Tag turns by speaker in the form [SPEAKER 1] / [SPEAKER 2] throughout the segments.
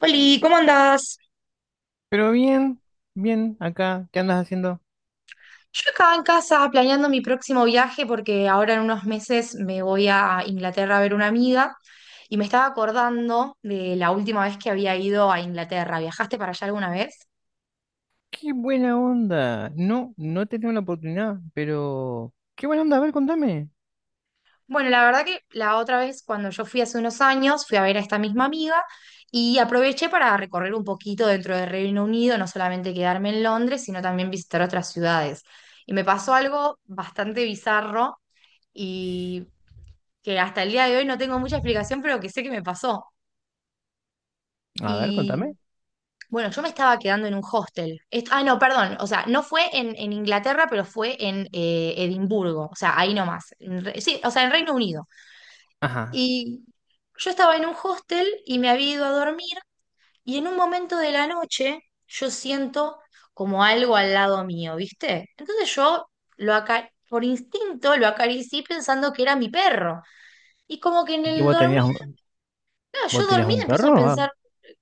[SPEAKER 1] Oli, ¿cómo andás?
[SPEAKER 2] Pero bien, bien, acá, ¿qué andas haciendo?
[SPEAKER 1] Yo acá en casa planeando mi próximo viaje porque ahora en unos meses me voy a Inglaterra a ver una amiga y me estaba acordando de la última vez que había ido a Inglaterra. ¿Viajaste para allá alguna vez?
[SPEAKER 2] ¡Qué buena onda! No, no he tenido la oportunidad, pero, ¡qué buena onda! A ver, contame.
[SPEAKER 1] Bueno, la verdad que la otra vez cuando yo fui hace unos años fui a ver a esta misma amiga y aproveché para recorrer un poquito dentro del Reino Unido, no solamente quedarme en Londres, sino también visitar otras ciudades. Y me pasó algo bastante bizarro. Y que hasta el día de hoy no tengo mucha explicación, pero que sé que me pasó.
[SPEAKER 2] A ver,
[SPEAKER 1] Y
[SPEAKER 2] contame.
[SPEAKER 1] bueno, yo me estaba quedando en un hostel. Ah, no, perdón, o sea, no fue en, Inglaterra, pero fue en Edimburgo, o sea, ahí nomás. Sí, o sea, en Reino Unido.
[SPEAKER 2] Ajá.
[SPEAKER 1] Y yo estaba en un hostel y me había ido a dormir y en un momento de la noche yo siento como algo al lado mío, ¿viste? Entonces yo por instinto lo acaricié pensando que era mi perro. Y como que en
[SPEAKER 2] que
[SPEAKER 1] el
[SPEAKER 2] vos
[SPEAKER 1] dormir,
[SPEAKER 2] tenías un,
[SPEAKER 1] claro, yo
[SPEAKER 2] ¿Vos tenías
[SPEAKER 1] dormida
[SPEAKER 2] un
[SPEAKER 1] empiezo a
[SPEAKER 2] perro? Ah.
[SPEAKER 1] pensar.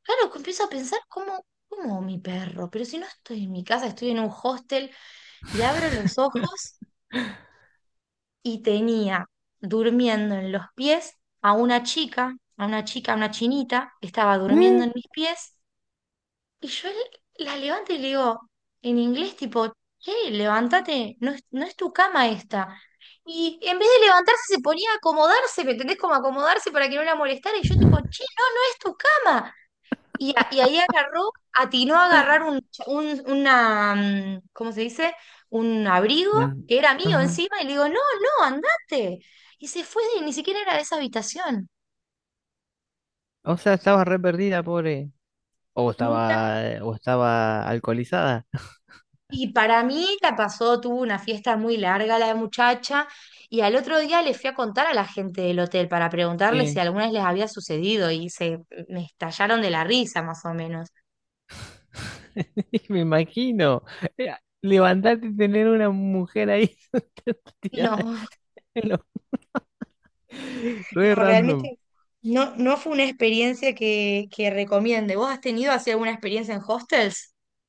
[SPEAKER 1] Claro, que empiezo a pensar cómo mi perro, pero si no estoy en mi casa, estoy en un hostel y abro los ojos y tenía durmiendo en los pies a una chica, a una chica, a una chinita, que estaba durmiendo
[SPEAKER 2] ¿Eh?
[SPEAKER 1] en mis pies y la levanto y le digo en inglés tipo, che, levántate, no es tu cama esta. Y en vez de levantarse se ponía a acomodarse, ¿me entendés? Como acomodarse para que no la molestara y yo tipo, che, no, no es tu cama. Y ahí agarró, atinó a agarrar una, ¿cómo se dice? Un abrigo
[SPEAKER 2] No.
[SPEAKER 1] que era mío
[SPEAKER 2] Ajá.
[SPEAKER 1] encima y le digo, no, no, andate. Y se fue, y ni siquiera era de esa habitación,
[SPEAKER 2] O sea, estabas re perdida, pobre. O
[SPEAKER 1] nunca.
[SPEAKER 2] estaba, o estaba alcoholizada.
[SPEAKER 1] Y para mí la pasó, tuvo una fiesta muy larga la muchacha y al otro día le fui a contar a la gente del hotel para preguntarles
[SPEAKER 2] Eh,
[SPEAKER 1] si alguna vez les había sucedido y se me estallaron de la risa más o menos.
[SPEAKER 2] me imagino. Eh, Levantarte y tener una mujer ahí tirada
[SPEAKER 1] No,
[SPEAKER 2] en lo-
[SPEAKER 1] no,
[SPEAKER 2] re random.
[SPEAKER 1] realmente no fue una experiencia que recomiende. ¿Vos has tenido así alguna experiencia en hostels?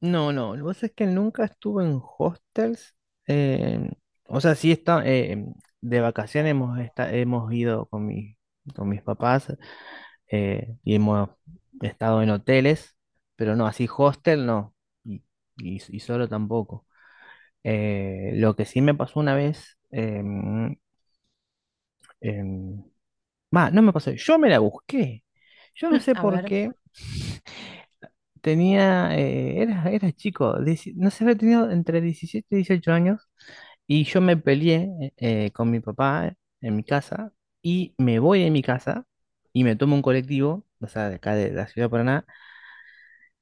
[SPEAKER 2] No, no, lo que pasa es que nunca estuve en hostels. eh, o sea, sí está, de vacaciones hemos ido con mis papás, y hemos estado en hoteles, pero no, así hostel no, y, y solo tampoco. Lo que sí me pasó una vez, em, va, no me pasó, yo me la busqué. Yo no
[SPEAKER 1] Mm.
[SPEAKER 2] sé
[SPEAKER 1] A
[SPEAKER 2] por
[SPEAKER 1] ver.
[SPEAKER 2] qué era chico. No sé, había tenido entre 17 y 18 años. Y yo me peleé con mi papá en mi casa, y me voy de mi casa y me tomo un colectivo, o sea, de acá de la ciudad de Paraná,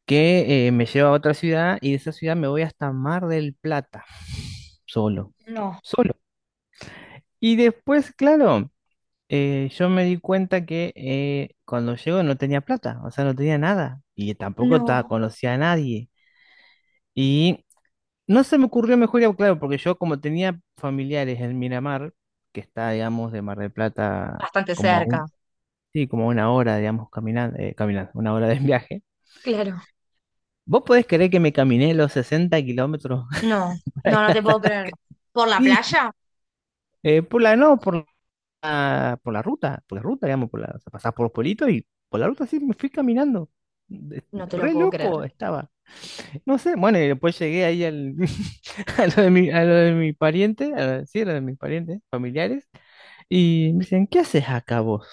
[SPEAKER 2] que me lleva a otra ciudad, y de esa ciudad me voy hasta Mar del Plata, solo,
[SPEAKER 1] No,
[SPEAKER 2] solo. Y después, claro, yo me di cuenta que cuando llego no tenía plata, o sea, no tenía nada y tampoco
[SPEAKER 1] no.
[SPEAKER 2] conocía a nadie. Y no se me ocurrió mejor, ya, claro, porque yo como tenía familiares en Miramar, que está, digamos, de Mar del Plata
[SPEAKER 1] Bastante
[SPEAKER 2] como a
[SPEAKER 1] cerca.
[SPEAKER 2] un, sí, como a una hora, digamos, caminando, caminando, una hora de viaje.
[SPEAKER 1] Claro.
[SPEAKER 2] ¿Vos podés creer que me caminé los 60 kilómetros
[SPEAKER 1] No,
[SPEAKER 2] para
[SPEAKER 1] no,
[SPEAKER 2] ir
[SPEAKER 1] no te puedo
[SPEAKER 2] hasta
[SPEAKER 1] creer. ¿Por la
[SPEAKER 2] ahí?
[SPEAKER 1] playa?
[SPEAKER 2] Por la, no, por la ruta, digamos, o sea, pasás por los pueblitos, y por la ruta sí me fui caminando.
[SPEAKER 1] No te lo
[SPEAKER 2] Re
[SPEAKER 1] puedo creer.
[SPEAKER 2] loco estaba. No sé, bueno, y después llegué ahí al, a lo de mi pariente, sí, a lo de mis parientes, familiares. Y me dicen, ¿qué haces acá vos?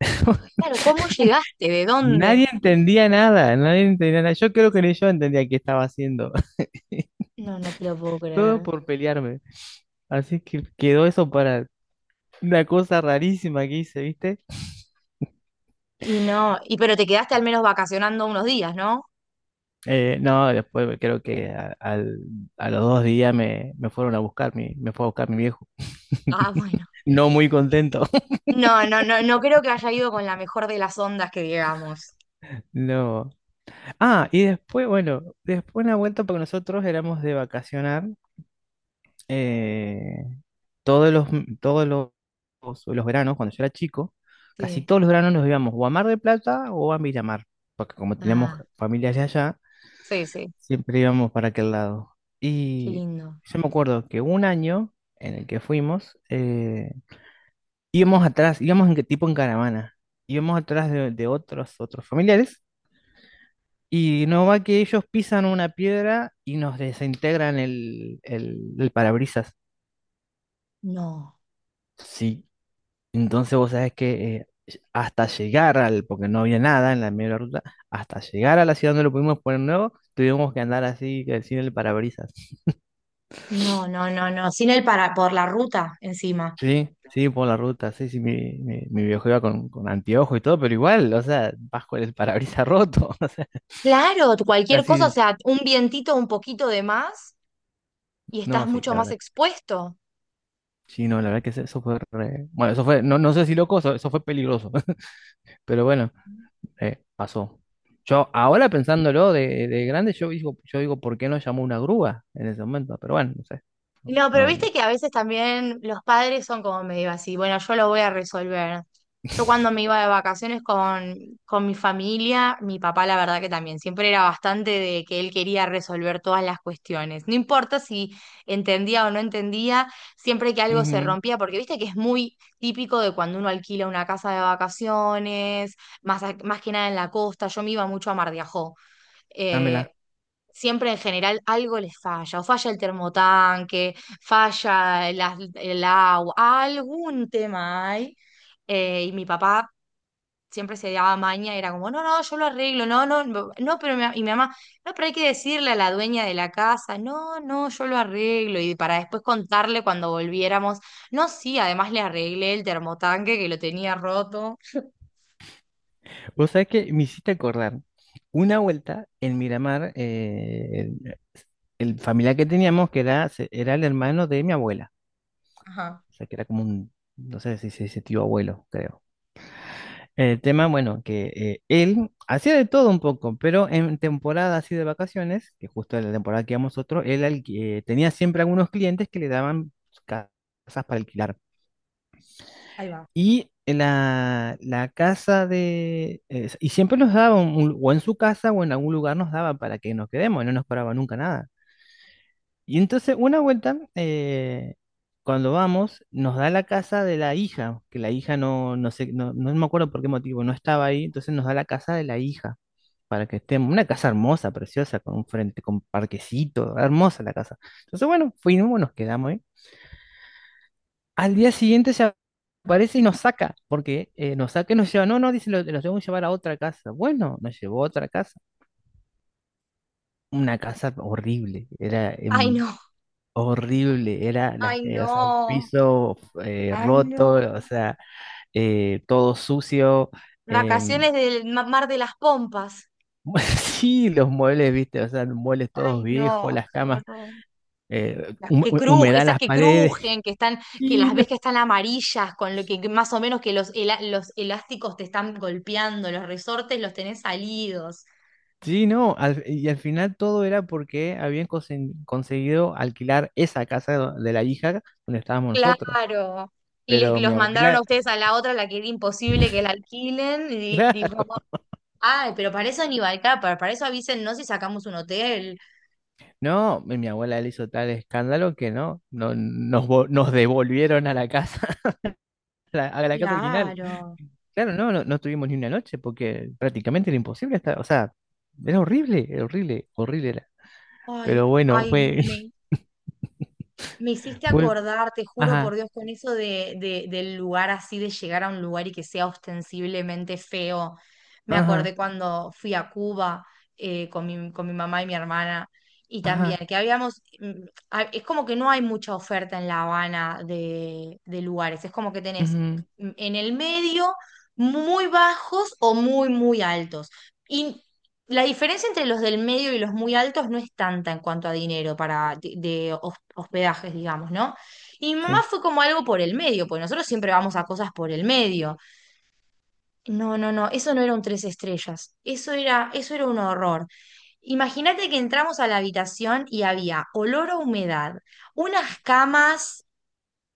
[SPEAKER 1] Claro, ¿cómo llegaste? ¿De dónde?
[SPEAKER 2] Nadie entendía nada, nadie entendía nada. Yo creo que ni yo entendía qué estaba haciendo.
[SPEAKER 1] No, no te lo puedo
[SPEAKER 2] Todo
[SPEAKER 1] creer.
[SPEAKER 2] por pelearme. Así que quedó eso para una cosa rarísima que hice, ¿viste?
[SPEAKER 1] Y no, y pero te quedaste al menos vacacionando unos días, ¿no?
[SPEAKER 2] No, después creo que a los 2 días me fueron a buscar, me fue a buscar mi viejo.
[SPEAKER 1] Ah, bueno.
[SPEAKER 2] No muy contento.
[SPEAKER 1] No, no, no, no creo que haya ido con la mejor de las ondas que digamos.
[SPEAKER 2] No. Ah, y después, bueno, después una vuelta porque nosotros éramos de vacacionar. eh, todos los veranos, cuando yo era chico, casi
[SPEAKER 1] Sí.
[SPEAKER 2] todos los veranos nos íbamos o a Mar del Plata o a Miramar, porque como teníamos
[SPEAKER 1] Ah,
[SPEAKER 2] familias de allá,
[SPEAKER 1] sí, sí.
[SPEAKER 2] siempre íbamos para aquel lado.
[SPEAKER 1] Qué
[SPEAKER 2] Y
[SPEAKER 1] lindo.
[SPEAKER 2] yo me acuerdo que un año en el que fuimos, íbamos atrás, íbamos tipo en caravana, íbamos atrás de otros, otros familiares. Y no va que ellos pisan una piedra y nos desintegran el parabrisas.
[SPEAKER 1] No.
[SPEAKER 2] Sí, entonces vos sabés que hasta llegar al, porque no había nada en la media de la ruta, hasta llegar a la ciudad donde lo pudimos poner nuevo, tuvimos que andar así, que sin el parabrisas.
[SPEAKER 1] No, no, no, no, sin el para, por la ruta encima.
[SPEAKER 2] Sí, sí, por la ruta, sí, sí, mi viejo iba con, anteojos y todo, pero igual, o sea, vas con el parabrisas roto, o sea,
[SPEAKER 1] Claro, cualquier cosa, o
[SPEAKER 2] casi,
[SPEAKER 1] sea, un vientito, un poquito de más y estás
[SPEAKER 2] no, sí,
[SPEAKER 1] mucho
[SPEAKER 2] la
[SPEAKER 1] más
[SPEAKER 2] verdad.
[SPEAKER 1] expuesto.
[SPEAKER 2] Sí, no, la verdad que eso fue Bueno, eso fue, no, no sé si loco, eso fue peligroso, pero bueno. Pasó. Yo ahora pensándolo de grande, yo digo, ¿por qué no llamó una grúa en ese momento? Pero bueno, no sé.
[SPEAKER 1] No, pero
[SPEAKER 2] No, no.
[SPEAKER 1] viste que a veces también los padres son como medio así, bueno, yo lo voy a resolver. Yo cuando me iba de vacaciones con mi familia, mi papá la verdad que también siempre era bastante de que él quería resolver todas las cuestiones. No importa si entendía o no entendía, siempre que algo se
[SPEAKER 2] Ujú,
[SPEAKER 1] rompía, porque viste que es muy típico de cuando uno alquila una casa de vacaciones, más que nada en la costa, yo me iba mucho a Mar de Ajó. eh,
[SPEAKER 2] dámela.
[SPEAKER 1] Siempre en general algo les falla, o falla el termotanque, falla el agua, algún tema hay. Y mi papá siempre se daba maña, era como, no, no, yo lo arreglo, no, no, no, no, pero y mi mamá, no, pero hay que decirle a la dueña de la casa, no, no, yo lo arreglo, y para después contarle cuando volviéramos, no, sí, además le arreglé el termotanque que lo tenía roto.
[SPEAKER 2] Vos sabés que me hiciste acordar. Una vuelta en Miramar, el familiar que teníamos, que era el hermano de mi abuela.
[SPEAKER 1] Ajá,
[SPEAKER 2] O sea, que era como un, no sé si se dice tío abuelo, creo. El tema, bueno, que él hacía de todo un poco, pero en temporada así de vacaciones, que justo en la temporada que íbamos nosotros, tenía siempre algunos clientes que le daban ca- casas para alquilar.
[SPEAKER 1] ahí va.
[SPEAKER 2] Y la casa. Y siempre nos daba, o en su casa o en algún lugar nos daba para que nos quedemos, no nos cobraba nunca nada. Y entonces una vuelta, cuando vamos, nos da la casa de la hija, que la hija no, no sé, no, no me acuerdo por qué motivo, no estaba ahí, entonces nos da la casa de la hija, para que estemos, una casa hermosa, preciosa, con un frente, con parquecito, hermosa la casa. Entonces, bueno, fuimos, nos quedamos ahí. Al día siguiente se aparece y nos saca, porque nos saca y nos lleva, no, no, dice, los tengo que llevar a otra casa. Bueno, nos llevó a otra casa, una casa horrible, era
[SPEAKER 1] Ay, no,
[SPEAKER 2] horrible, era la,
[SPEAKER 1] ay,
[SPEAKER 2] o sea, el
[SPEAKER 1] no,
[SPEAKER 2] piso
[SPEAKER 1] ay,
[SPEAKER 2] roto,
[SPEAKER 1] no.
[SPEAKER 2] o sea, todo sucio. em,
[SPEAKER 1] Vacaciones del Mar de las Pompas.
[SPEAKER 2] sí, los muebles, viste, o sea, los muebles todos
[SPEAKER 1] Ay,
[SPEAKER 2] viejos,
[SPEAKER 1] no,
[SPEAKER 2] las
[SPEAKER 1] qué
[SPEAKER 2] camas,
[SPEAKER 1] horror. Que crujen,
[SPEAKER 2] humedad en
[SPEAKER 1] esas
[SPEAKER 2] las
[SPEAKER 1] que
[SPEAKER 2] paredes.
[SPEAKER 1] crujen, que están, que
[SPEAKER 2] Sí,
[SPEAKER 1] las
[SPEAKER 2] no,
[SPEAKER 1] ves que están amarillas, con lo que más o menos que los elásticos te están golpeando, los resortes los tenés salidos.
[SPEAKER 2] sí, no, y al final todo era porque habían conseguido alquilar esa casa de la hija donde estábamos nosotros.
[SPEAKER 1] Claro. Y les
[SPEAKER 2] Pero mi
[SPEAKER 1] los mandaron a
[SPEAKER 2] abuela,
[SPEAKER 1] ustedes a la otra, la que era imposible que la alquilen, y dijo,
[SPEAKER 2] claro,
[SPEAKER 1] ay, pero para eso ni Balcar, para eso avísennos si sacamos un hotel.
[SPEAKER 2] no, mi abuela le hizo tal escándalo que no, no nos, nos devolvieron a la casa. A la casa original.
[SPEAKER 1] Claro.
[SPEAKER 2] Claro, no, no, no tuvimos ni una noche porque prácticamente era imposible estar, o sea, era horrible, horrible era.
[SPEAKER 1] Ay,
[SPEAKER 2] Pero bueno,
[SPEAKER 1] ay,
[SPEAKER 2] fue,
[SPEAKER 1] me hiciste
[SPEAKER 2] fue,
[SPEAKER 1] acordar, te juro por
[SPEAKER 2] ajá,
[SPEAKER 1] Dios, con eso del lugar así, de llegar a un lugar y que sea ostensiblemente feo. Me
[SPEAKER 2] ajá,
[SPEAKER 1] acordé cuando fui a Cuba con mi, mamá y mi hermana, y también
[SPEAKER 2] ajá,
[SPEAKER 1] que es como que no hay mucha oferta en La Habana de lugares, es como que tenés
[SPEAKER 2] ujú,
[SPEAKER 1] en el medio muy bajos o muy, muy altos. La diferencia entre los del medio y los muy altos no es tanta en cuanto a dinero para hospedajes, digamos, ¿no? Y mi mamá
[SPEAKER 2] sí,
[SPEAKER 1] fue como algo por el medio, porque nosotros siempre vamos a cosas por el medio. No, no, no, eso no era un tres estrellas, eso era un horror. Imagínate que entramos a la habitación y había olor a humedad, unas camas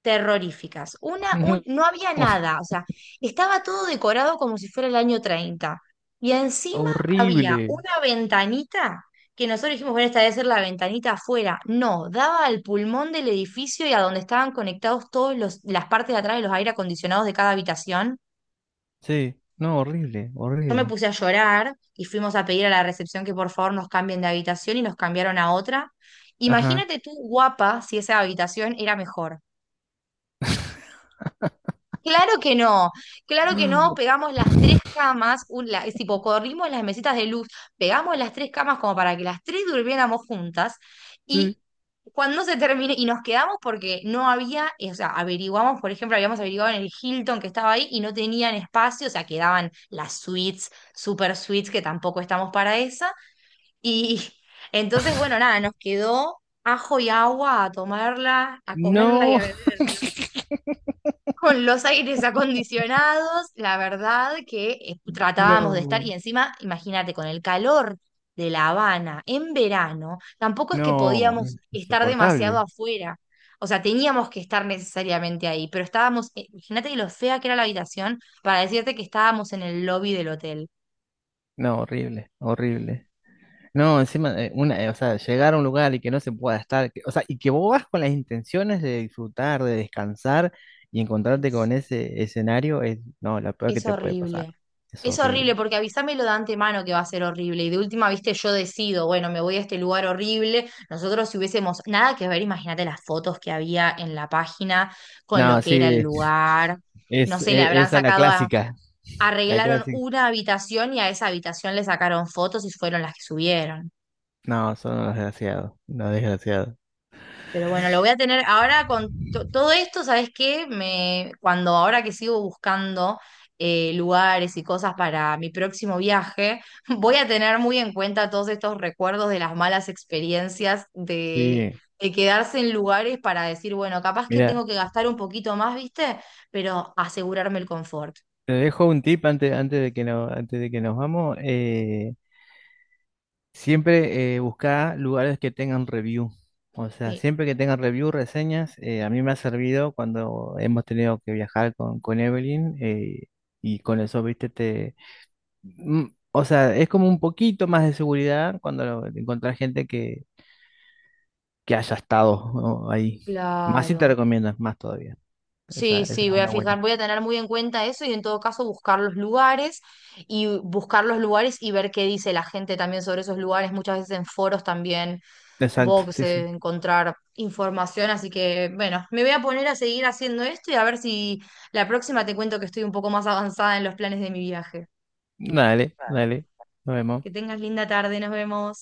[SPEAKER 1] terroríficas.
[SPEAKER 2] ujú,
[SPEAKER 1] No había nada, o sea, estaba todo decorado como si fuera el año 30. Y encima había
[SPEAKER 2] horrible,
[SPEAKER 1] una ventanita que nosotros dijimos, bueno, esta debe ser la ventanita afuera. No, daba al pulmón del edificio y a donde estaban conectados todos las partes de atrás de los aire acondicionados de cada habitación.
[SPEAKER 2] sí, no, horrible,
[SPEAKER 1] Yo me
[SPEAKER 2] horrible,
[SPEAKER 1] puse a llorar y fuimos a pedir a la recepción que por favor nos cambien de habitación y nos cambiaron a otra.
[SPEAKER 2] ajá,
[SPEAKER 1] Imagínate tú, guapa, si esa habitación era mejor. Claro que no, claro que no, pegamos las tres camas, es tipo, corrimos las mesitas de luz, pegamos las tres camas como para que las tres durmiéramos juntas
[SPEAKER 2] sí,
[SPEAKER 1] y cuando se termine, y nos quedamos porque no había, o sea, averiguamos, por ejemplo, habíamos averiguado en el Hilton que estaba ahí y no tenían espacio, o sea, quedaban las suites, super suites, que tampoco estamos para esa, y entonces, bueno, nada, nos quedó ajo y agua a tomarla, a comerla y
[SPEAKER 2] no,
[SPEAKER 1] a beber. Con los aires acondicionados, la verdad que tratábamos de estar, y
[SPEAKER 2] no,
[SPEAKER 1] encima, imagínate, con el calor de La Habana en verano, tampoco es que
[SPEAKER 2] no,
[SPEAKER 1] podíamos estar demasiado
[SPEAKER 2] insoportable,
[SPEAKER 1] afuera. O sea, teníamos que estar necesariamente ahí, pero estábamos, imagínate lo fea que era la habitación para decirte que estábamos en el lobby del hotel.
[SPEAKER 2] no, horrible, horrible. No, encima, o sea, llegar a un lugar y que no se pueda estar, que, o sea, y que vos vas con las intenciones de disfrutar, de descansar, y
[SPEAKER 1] Ay,
[SPEAKER 2] encontrarte con
[SPEAKER 1] sí.
[SPEAKER 2] ese escenario es, no, lo peor que
[SPEAKER 1] Es
[SPEAKER 2] te puede pasar.
[SPEAKER 1] horrible.
[SPEAKER 2] Es
[SPEAKER 1] Es horrible
[SPEAKER 2] horrible.
[SPEAKER 1] porque avísamelo de antemano que va a ser horrible. Y de última, viste, yo decido, bueno, me voy a este lugar horrible. Nosotros si hubiésemos nada que ver, imagínate las fotos que había en la página con lo
[SPEAKER 2] No,
[SPEAKER 1] que era el
[SPEAKER 2] sí,
[SPEAKER 1] lugar. No sé, le habrán
[SPEAKER 2] esa es la
[SPEAKER 1] sacado a,
[SPEAKER 2] clásica, la
[SPEAKER 1] arreglaron
[SPEAKER 2] clásica.
[SPEAKER 1] una habitación y a esa habitación le sacaron fotos y fueron las que subieron.
[SPEAKER 2] No, son unos desgraciados, unos desgraciados.
[SPEAKER 1] Pero bueno, lo voy a tener ahora con todo esto, ¿sabes qué? Cuando ahora que sigo buscando lugares y cosas para mi próximo viaje, voy a tener muy en cuenta todos estos recuerdos de las malas experiencias de,
[SPEAKER 2] Sí,
[SPEAKER 1] de quedarse en lugares para decir, bueno, capaz que
[SPEAKER 2] mira,
[SPEAKER 1] tengo que gastar un poquito más, ¿viste? Pero asegurarme el confort.
[SPEAKER 2] te dejo un tip antes, antes de que no, antes de que nos vamos. Siempre busca lugares que tengan review. O sea,
[SPEAKER 1] Sí,
[SPEAKER 2] siempre que tengan review, reseñas, a mí me ha servido cuando hemos tenido que viajar con, Evelyn, y con eso, viste, te. mm, O sea, es como un poquito más de seguridad cuando encontrás gente que haya estado, ¿no?, ahí. Más si te
[SPEAKER 1] claro.
[SPEAKER 2] recomiendas, más todavía. Esa,
[SPEAKER 1] Sí,
[SPEAKER 2] esa
[SPEAKER 1] sí,
[SPEAKER 2] es
[SPEAKER 1] voy a
[SPEAKER 2] una buena.
[SPEAKER 1] fijar, voy a tener muy en cuenta eso y en todo caso buscar los lugares y ver qué dice la gente también sobre esos lugares. Muchas veces en foros también
[SPEAKER 2] Exacto,
[SPEAKER 1] supongo que se
[SPEAKER 2] sí, sí.
[SPEAKER 1] debe encontrar información, así que bueno, me voy a poner a seguir haciendo esto y a ver si la próxima te cuento que estoy un poco más avanzada en los planes de mi viaje.
[SPEAKER 2] Dale, dale. Nos
[SPEAKER 1] Que
[SPEAKER 2] vemos.
[SPEAKER 1] tengas linda tarde, nos vemos.